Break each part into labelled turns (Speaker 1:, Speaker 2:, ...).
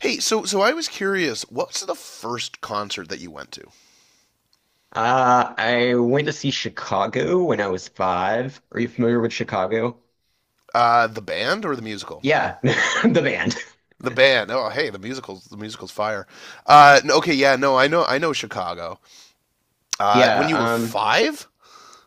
Speaker 1: Hey, so I was curious, what's the first concert that you went to?
Speaker 2: I went to see Chicago when I was five. Are you familiar with Chicago?
Speaker 1: The band or the musical?
Speaker 2: Yeah, the band.
Speaker 1: The band. Oh, hey, the musical's fire. Okay, yeah, no, I know Chicago.
Speaker 2: Yeah,
Speaker 1: When you were
Speaker 2: um,
Speaker 1: five?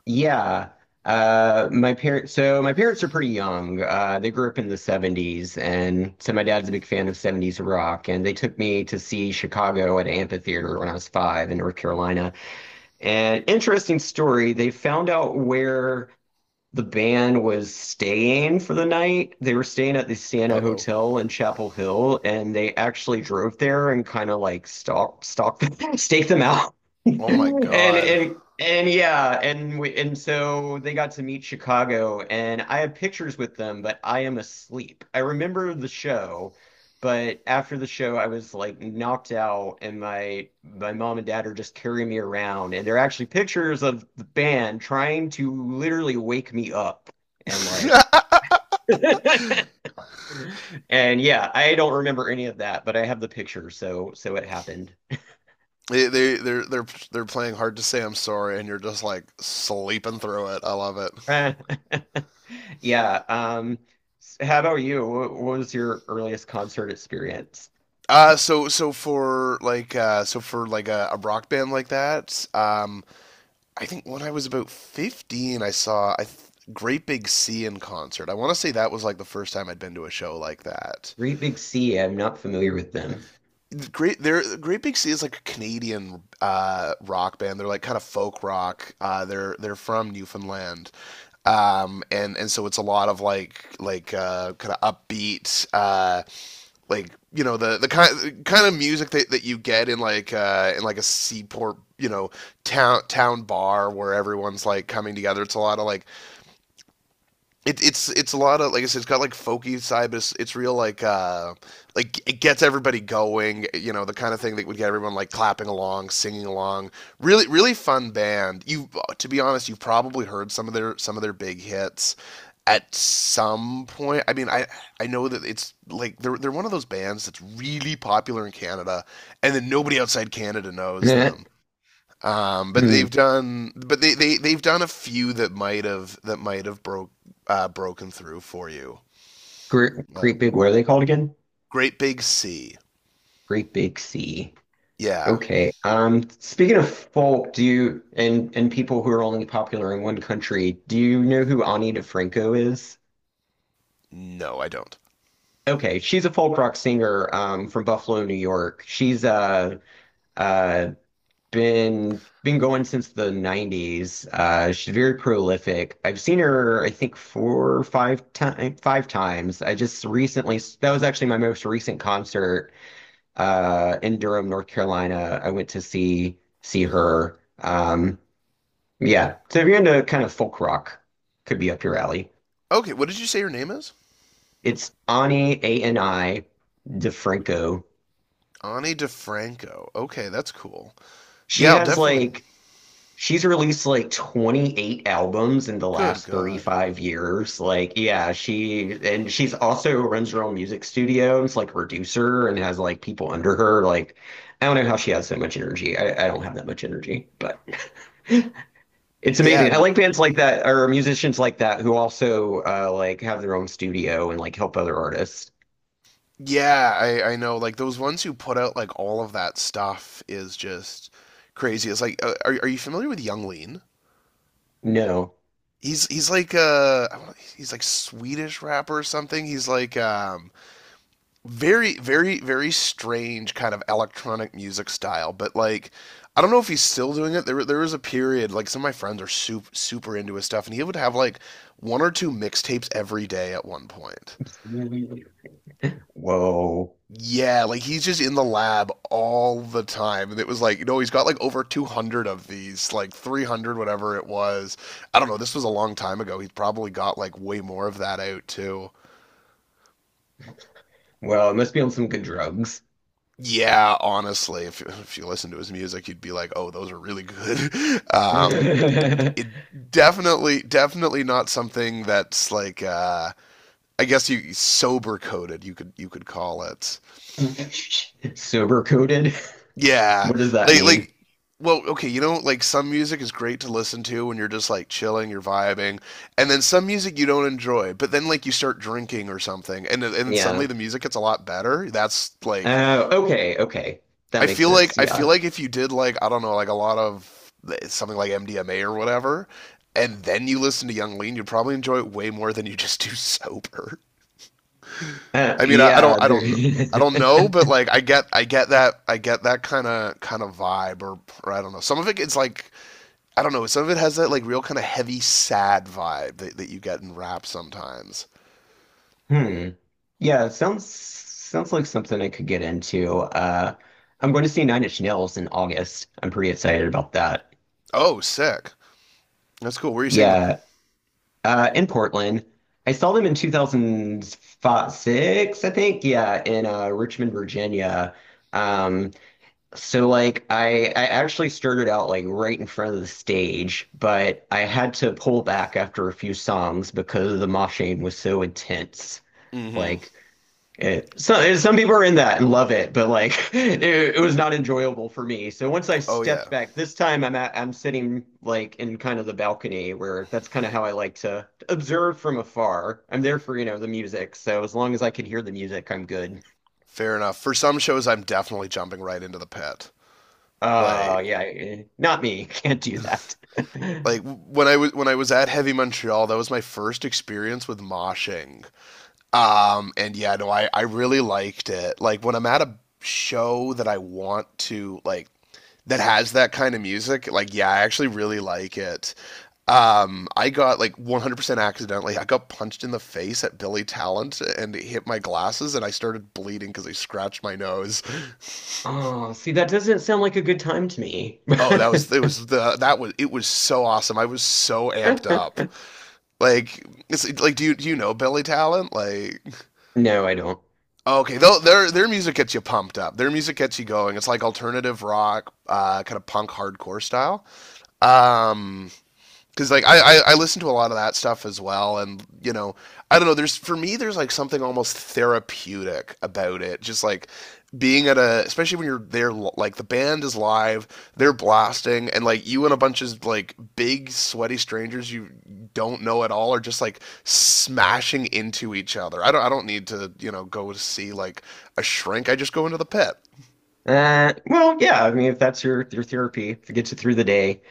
Speaker 2: yeah. My parents, my parents are pretty young. They grew up in the 70s, and so my dad's a big fan of 70s rock, and they took me to see Chicago at Amphitheater when I was five in North Carolina. And interesting story, they found out where the band was staying for the night. They were staying at the Siena
Speaker 1: Uh-oh.
Speaker 2: Hotel in Chapel Hill, and they actually drove there and kind of like stake them out and
Speaker 1: Oh my God.
Speaker 2: and yeah, and so they got to meet Chicago, and I have pictures with them, but I am asleep. I remember the show, but after the show, I was like knocked out, and my mom and dad are just carrying me around, and they're actually pictures of the band trying to literally wake me up, and like. And yeah, I don't remember any of that, but I have the picture, so so it happened.
Speaker 1: They're they're playing hard to say I'm sorry, and you're just like sleeping through it. I love it.
Speaker 2: Uh, Yeah. How about you? What was your earliest concert experience?
Speaker 1: So for like a rock band like that. I think when I was about 15, I saw I th- Great Big Sea in concert. I want to say that was like the first time I'd been to a show like that.
Speaker 2: Great Big Sea. I'm not familiar with them.
Speaker 1: Great Big Sea is like a Canadian rock band. They're like kind of folk rock. They're they're from Newfoundland, and so it's a lot of like kind of upbeat, like you know the kind kind of music that you get in in like a seaport you know town bar where everyone's like coming together. It's a lot of like it's it's a lot of, like I said, it's got like folky side, but it's real like it gets everybody going. You know, the kind of thing that would get everyone like clapping along, singing along. Really, really fun band. You To be honest, you've probably heard some of their big hits at some point. I mean, I know that it's like they're one of those bands that's really popular in Canada, and then nobody outside Canada knows
Speaker 2: Nah.
Speaker 1: them.
Speaker 2: Hmm.
Speaker 1: But they they've done a few that might have broken through for you.
Speaker 2: Great,
Speaker 1: Uh,
Speaker 2: Great Big. What are they called again?
Speaker 1: Great Big C.
Speaker 2: Great Big Sea.
Speaker 1: Yeah.
Speaker 2: Okay. Speaking of folk, do you and people who are only popular in one country, do you know who Ani DeFranco is?
Speaker 1: No, I don't.
Speaker 2: Okay, she's a folk rock singer from Buffalo, New York. She's uh, uh, been been going since the 90s. She's very prolific. I've seen her, I think, four or five times. I just recently, that was actually my most recent concert in Durham, North Carolina. I went to see her. Yeah, so if you're into kind of folk rock, could be up your alley.
Speaker 1: Okay, what did you say your name is?
Speaker 2: It's Ani, A N I DeFranco.
Speaker 1: Ani DeFranco. Okay, that's cool. Yeah,
Speaker 2: She
Speaker 1: I'll
Speaker 2: has
Speaker 1: definitely.
Speaker 2: like She's released like 28 albums in the
Speaker 1: Good
Speaker 2: last
Speaker 1: God.
Speaker 2: 35 years. Like, yeah, she, and she's also runs her own music studio. It's like a producer and has like people under her. Like, I don't know how she has so much energy. I don't have that much energy, but it's
Speaker 1: Yeah,
Speaker 2: amazing. I
Speaker 1: n-
Speaker 2: like bands like that, or musicians like that, who also like have their own studio and like help other artists.
Speaker 1: yeah, I know. Like those ones who put out like all of that stuff is just crazy. It's like, are you familiar with Young Lean?
Speaker 2: No.
Speaker 1: He's he's like uh he's like Swedish rapper or something. He's like very very very strange kind of electronic music style, but like I don't know if he's still doing it. There was a period like some of my friends are super super into his stuff and he would have like one or two mixtapes every day at one point.
Speaker 2: Whoa.
Speaker 1: Yeah, like he's just in the lab all the time. And it was like, you know, he's got like over 200 of these, like 300, whatever it was. I don't know. This was a long time ago. He's probably got like way more of that out too.
Speaker 2: Well, it must be on some good drugs.
Speaker 1: Yeah, honestly, if you listen to his music, you'd be like, "Oh, those are really good." Um, it definitely, definitely not something that's like, I guess you sober coded. You could call it.
Speaker 2: Sober coded?
Speaker 1: Yeah.
Speaker 2: What does that
Speaker 1: Like
Speaker 2: mean?
Speaker 1: like well, okay, you know, like some music is great to listen to when you're just like chilling, you're vibing, and then some music you don't enjoy, but then like you start drinking or something, and then- and
Speaker 2: Yeah.
Speaker 1: suddenly the music gets a lot better. That's like
Speaker 2: Oh, okay. That makes sense.
Speaker 1: I feel
Speaker 2: Yeah.
Speaker 1: like if you did like, I don't know, like a lot of something like MDMA or whatever, and then you listen to Young Lean, you'd probably enjoy it way more than you just do sober. I mean,
Speaker 2: Yeah, there
Speaker 1: I don't know, but like, I get that kind of vibe, or I don't know. Some of it is like, I don't know. Some of it has that like real kind of heavy, sad vibe that you get in rap sometimes.
Speaker 2: Hmm. Yeah, sounds like something I could get into. I'm going to see Nine Inch Nails in August. I'm pretty excited about that.
Speaker 1: Oh, sick. That's cool. Where are you seeing them?
Speaker 2: Yeah. In Portland. I saw them in 2006, I think. Yeah, in Richmond, Virginia. Um So like I actually started out like right in front of the stage, but I had to pull back after a few songs because the moshing was so intense.
Speaker 1: Mm-hmm.
Speaker 2: Like it, some people are in that and love it, but like it was not enjoyable for me. So once I
Speaker 1: Oh
Speaker 2: stepped
Speaker 1: yeah.
Speaker 2: back, this time I'm sitting like in kind of the balcony, where that's kind of how I like to observe from afar. I'm there for, you know, the music. So as long as I can hear the music, I'm good.
Speaker 1: Fair enough. For some shows, I'm definitely jumping right into the pit. Like,
Speaker 2: Yeah, Not me. Can't do that.
Speaker 1: like when I was at Heavy Montreal, that was my first experience with moshing. And yeah, no, I really liked it. Like when I'm at a show that I want to like that has that kind of music, like yeah, I actually really like it. I got like 100% accidentally, I got punched in the face at Billy Talent, and it hit my glasses, and I started bleeding because I scratched my nose.
Speaker 2: Oh, see, that doesn't sound like a good time to me.
Speaker 1: That was it was so awesome. I was so amped up. Like it's like, do you know Billy Talent? Like
Speaker 2: No, I don't.
Speaker 1: okay, though their music gets you pumped up. Their music gets you going. It's like alternative rock, kind of punk hardcore style. Um, because like I listen to a lot of that stuff as well, and you know, I don't know. There's, for me, there's like something almost therapeutic about it, just like being at a, especially when you're there, like the band is live, they're blasting, and like you and a bunch of like big sweaty strangers you don't know at all are just like smashing into each other. I don't need to, you know, go to see like a shrink. I just go into the pit.
Speaker 2: Well, yeah, I mean, if that's your therapy, if it gets you through the day.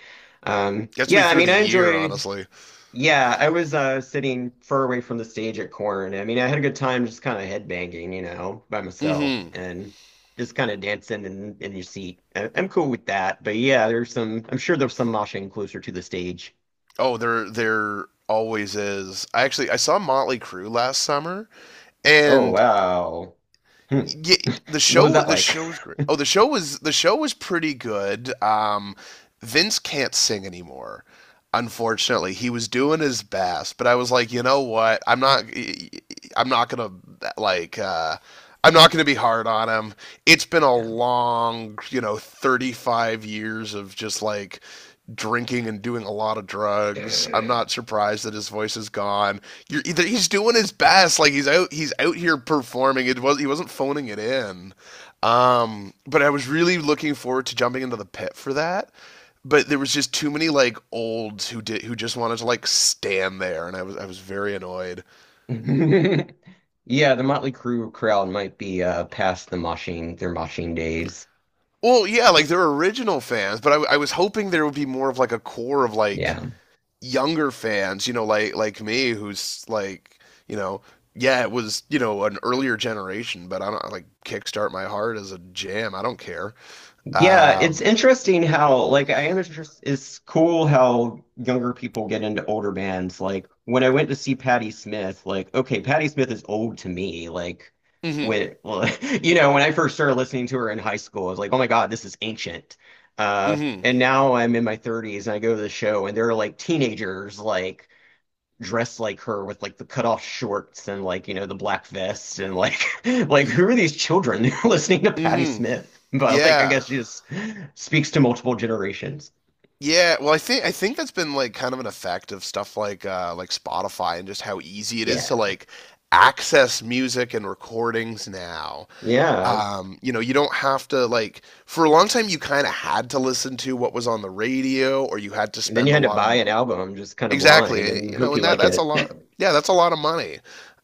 Speaker 1: Gets me
Speaker 2: Yeah, I
Speaker 1: through
Speaker 2: mean,
Speaker 1: the
Speaker 2: I
Speaker 1: year,
Speaker 2: enjoyed.
Speaker 1: honestly.
Speaker 2: Yeah, I was sitting far away from the stage at Corn. I mean, I had a good time just kind of headbanging, you know, by myself,
Speaker 1: Hmm.
Speaker 2: and just kind of dancing in your seat. I'm cool with that. But yeah, there's some. I'm sure there's some moshing closer to the stage.
Speaker 1: Oh, there always is. I saw Motley Crue last summer,
Speaker 2: Oh
Speaker 1: and
Speaker 2: wow. Hmm.
Speaker 1: yeah,
Speaker 2: What was that
Speaker 1: the
Speaker 2: like?
Speaker 1: show was great. Oh, the show was pretty good. Vince can't sing anymore. Unfortunately, he was doing his best, but I was like, you know what? I'm not gonna, like uh, I'm not gonna be hard on him. It's been a long, you know, 35 years of just like drinking and doing a lot of drugs. I'm
Speaker 2: Yeah.
Speaker 1: not surprised that his voice is gone. You're He's doing his best, like he's out here performing. It was He wasn't phoning it in. But I was really looking forward to jumping into the pit for that. But there was just too many like olds who just wanted to like stand there, and I was very annoyed.
Speaker 2: Yeah, the Motley Crue crowd might be past the moshing, their moshing days.
Speaker 1: Well, yeah, like they're original fans, but I was hoping there would be more of like a core of like
Speaker 2: Yeah.
Speaker 1: younger fans, you know, like me, who's like, you know, yeah, it was, you know, an earlier generation, but I don't like Kickstart My Heart as a jam. I don't care.
Speaker 2: Yeah, it's
Speaker 1: Um,
Speaker 2: interesting how, like, I am interested, it's cool how younger people get into older bands. Like, when I went to see Patti Smith, like, okay, Patti Smith is old to me. Like,
Speaker 1: mm-hmm,
Speaker 2: when, you know, when I first started listening to her in high school, I was like, oh my God, this is ancient.
Speaker 1: mm-hmm,
Speaker 2: And now I'm in my 30s and I go to the show and they're like teenagers, like, dressed like her with like the cutoff shorts and like you know the black vest and like like who are these children, they're listening to Patti
Speaker 1: mm-hmm.
Speaker 2: Smith, but like I
Speaker 1: Yeah,
Speaker 2: guess she just speaks to multiple generations.
Speaker 1: yeah. Well, I think that's been like kind of an effect of stuff like, like Spotify, and just how easy it is
Speaker 2: Yeah.
Speaker 1: to like access music and recordings now.
Speaker 2: Yeah,
Speaker 1: You know, you don't have to, like, for a long time you kind of had to listen to what was on the radio, or you had to
Speaker 2: and then you
Speaker 1: spend a
Speaker 2: had to
Speaker 1: lot of—
Speaker 2: buy an album just kind of blind
Speaker 1: Exactly.
Speaker 2: and
Speaker 1: You
Speaker 2: hope
Speaker 1: know,
Speaker 2: you
Speaker 1: and
Speaker 2: like
Speaker 1: that's a
Speaker 2: it.
Speaker 1: lot. Yeah, that's a lot of money.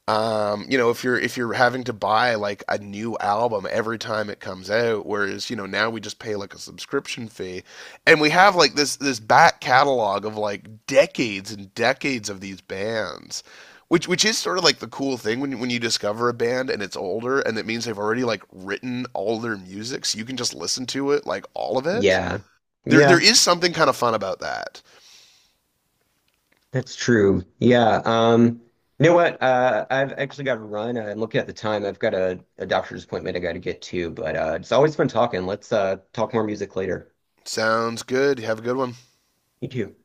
Speaker 1: You know, if you're having to buy like a new album every time it comes out, whereas, you know, now we just pay like a subscription fee, and we have like this back catalog of like decades and decades of these bands. Which is sort of like the cool thing when you discover a band and it's older, and it means they've already like written all their music, so you can just listen to it, like all of it.
Speaker 2: Yeah.
Speaker 1: There
Speaker 2: Yeah,
Speaker 1: is something kind of fun about that.
Speaker 2: that's true. Yeah. You know what, I've actually got to run. I'm looking at the time. I've got a doctor's appointment I got to get to, but it's always fun talking. Let's talk more music later.
Speaker 1: Sounds good. Have a good one.
Speaker 2: You too.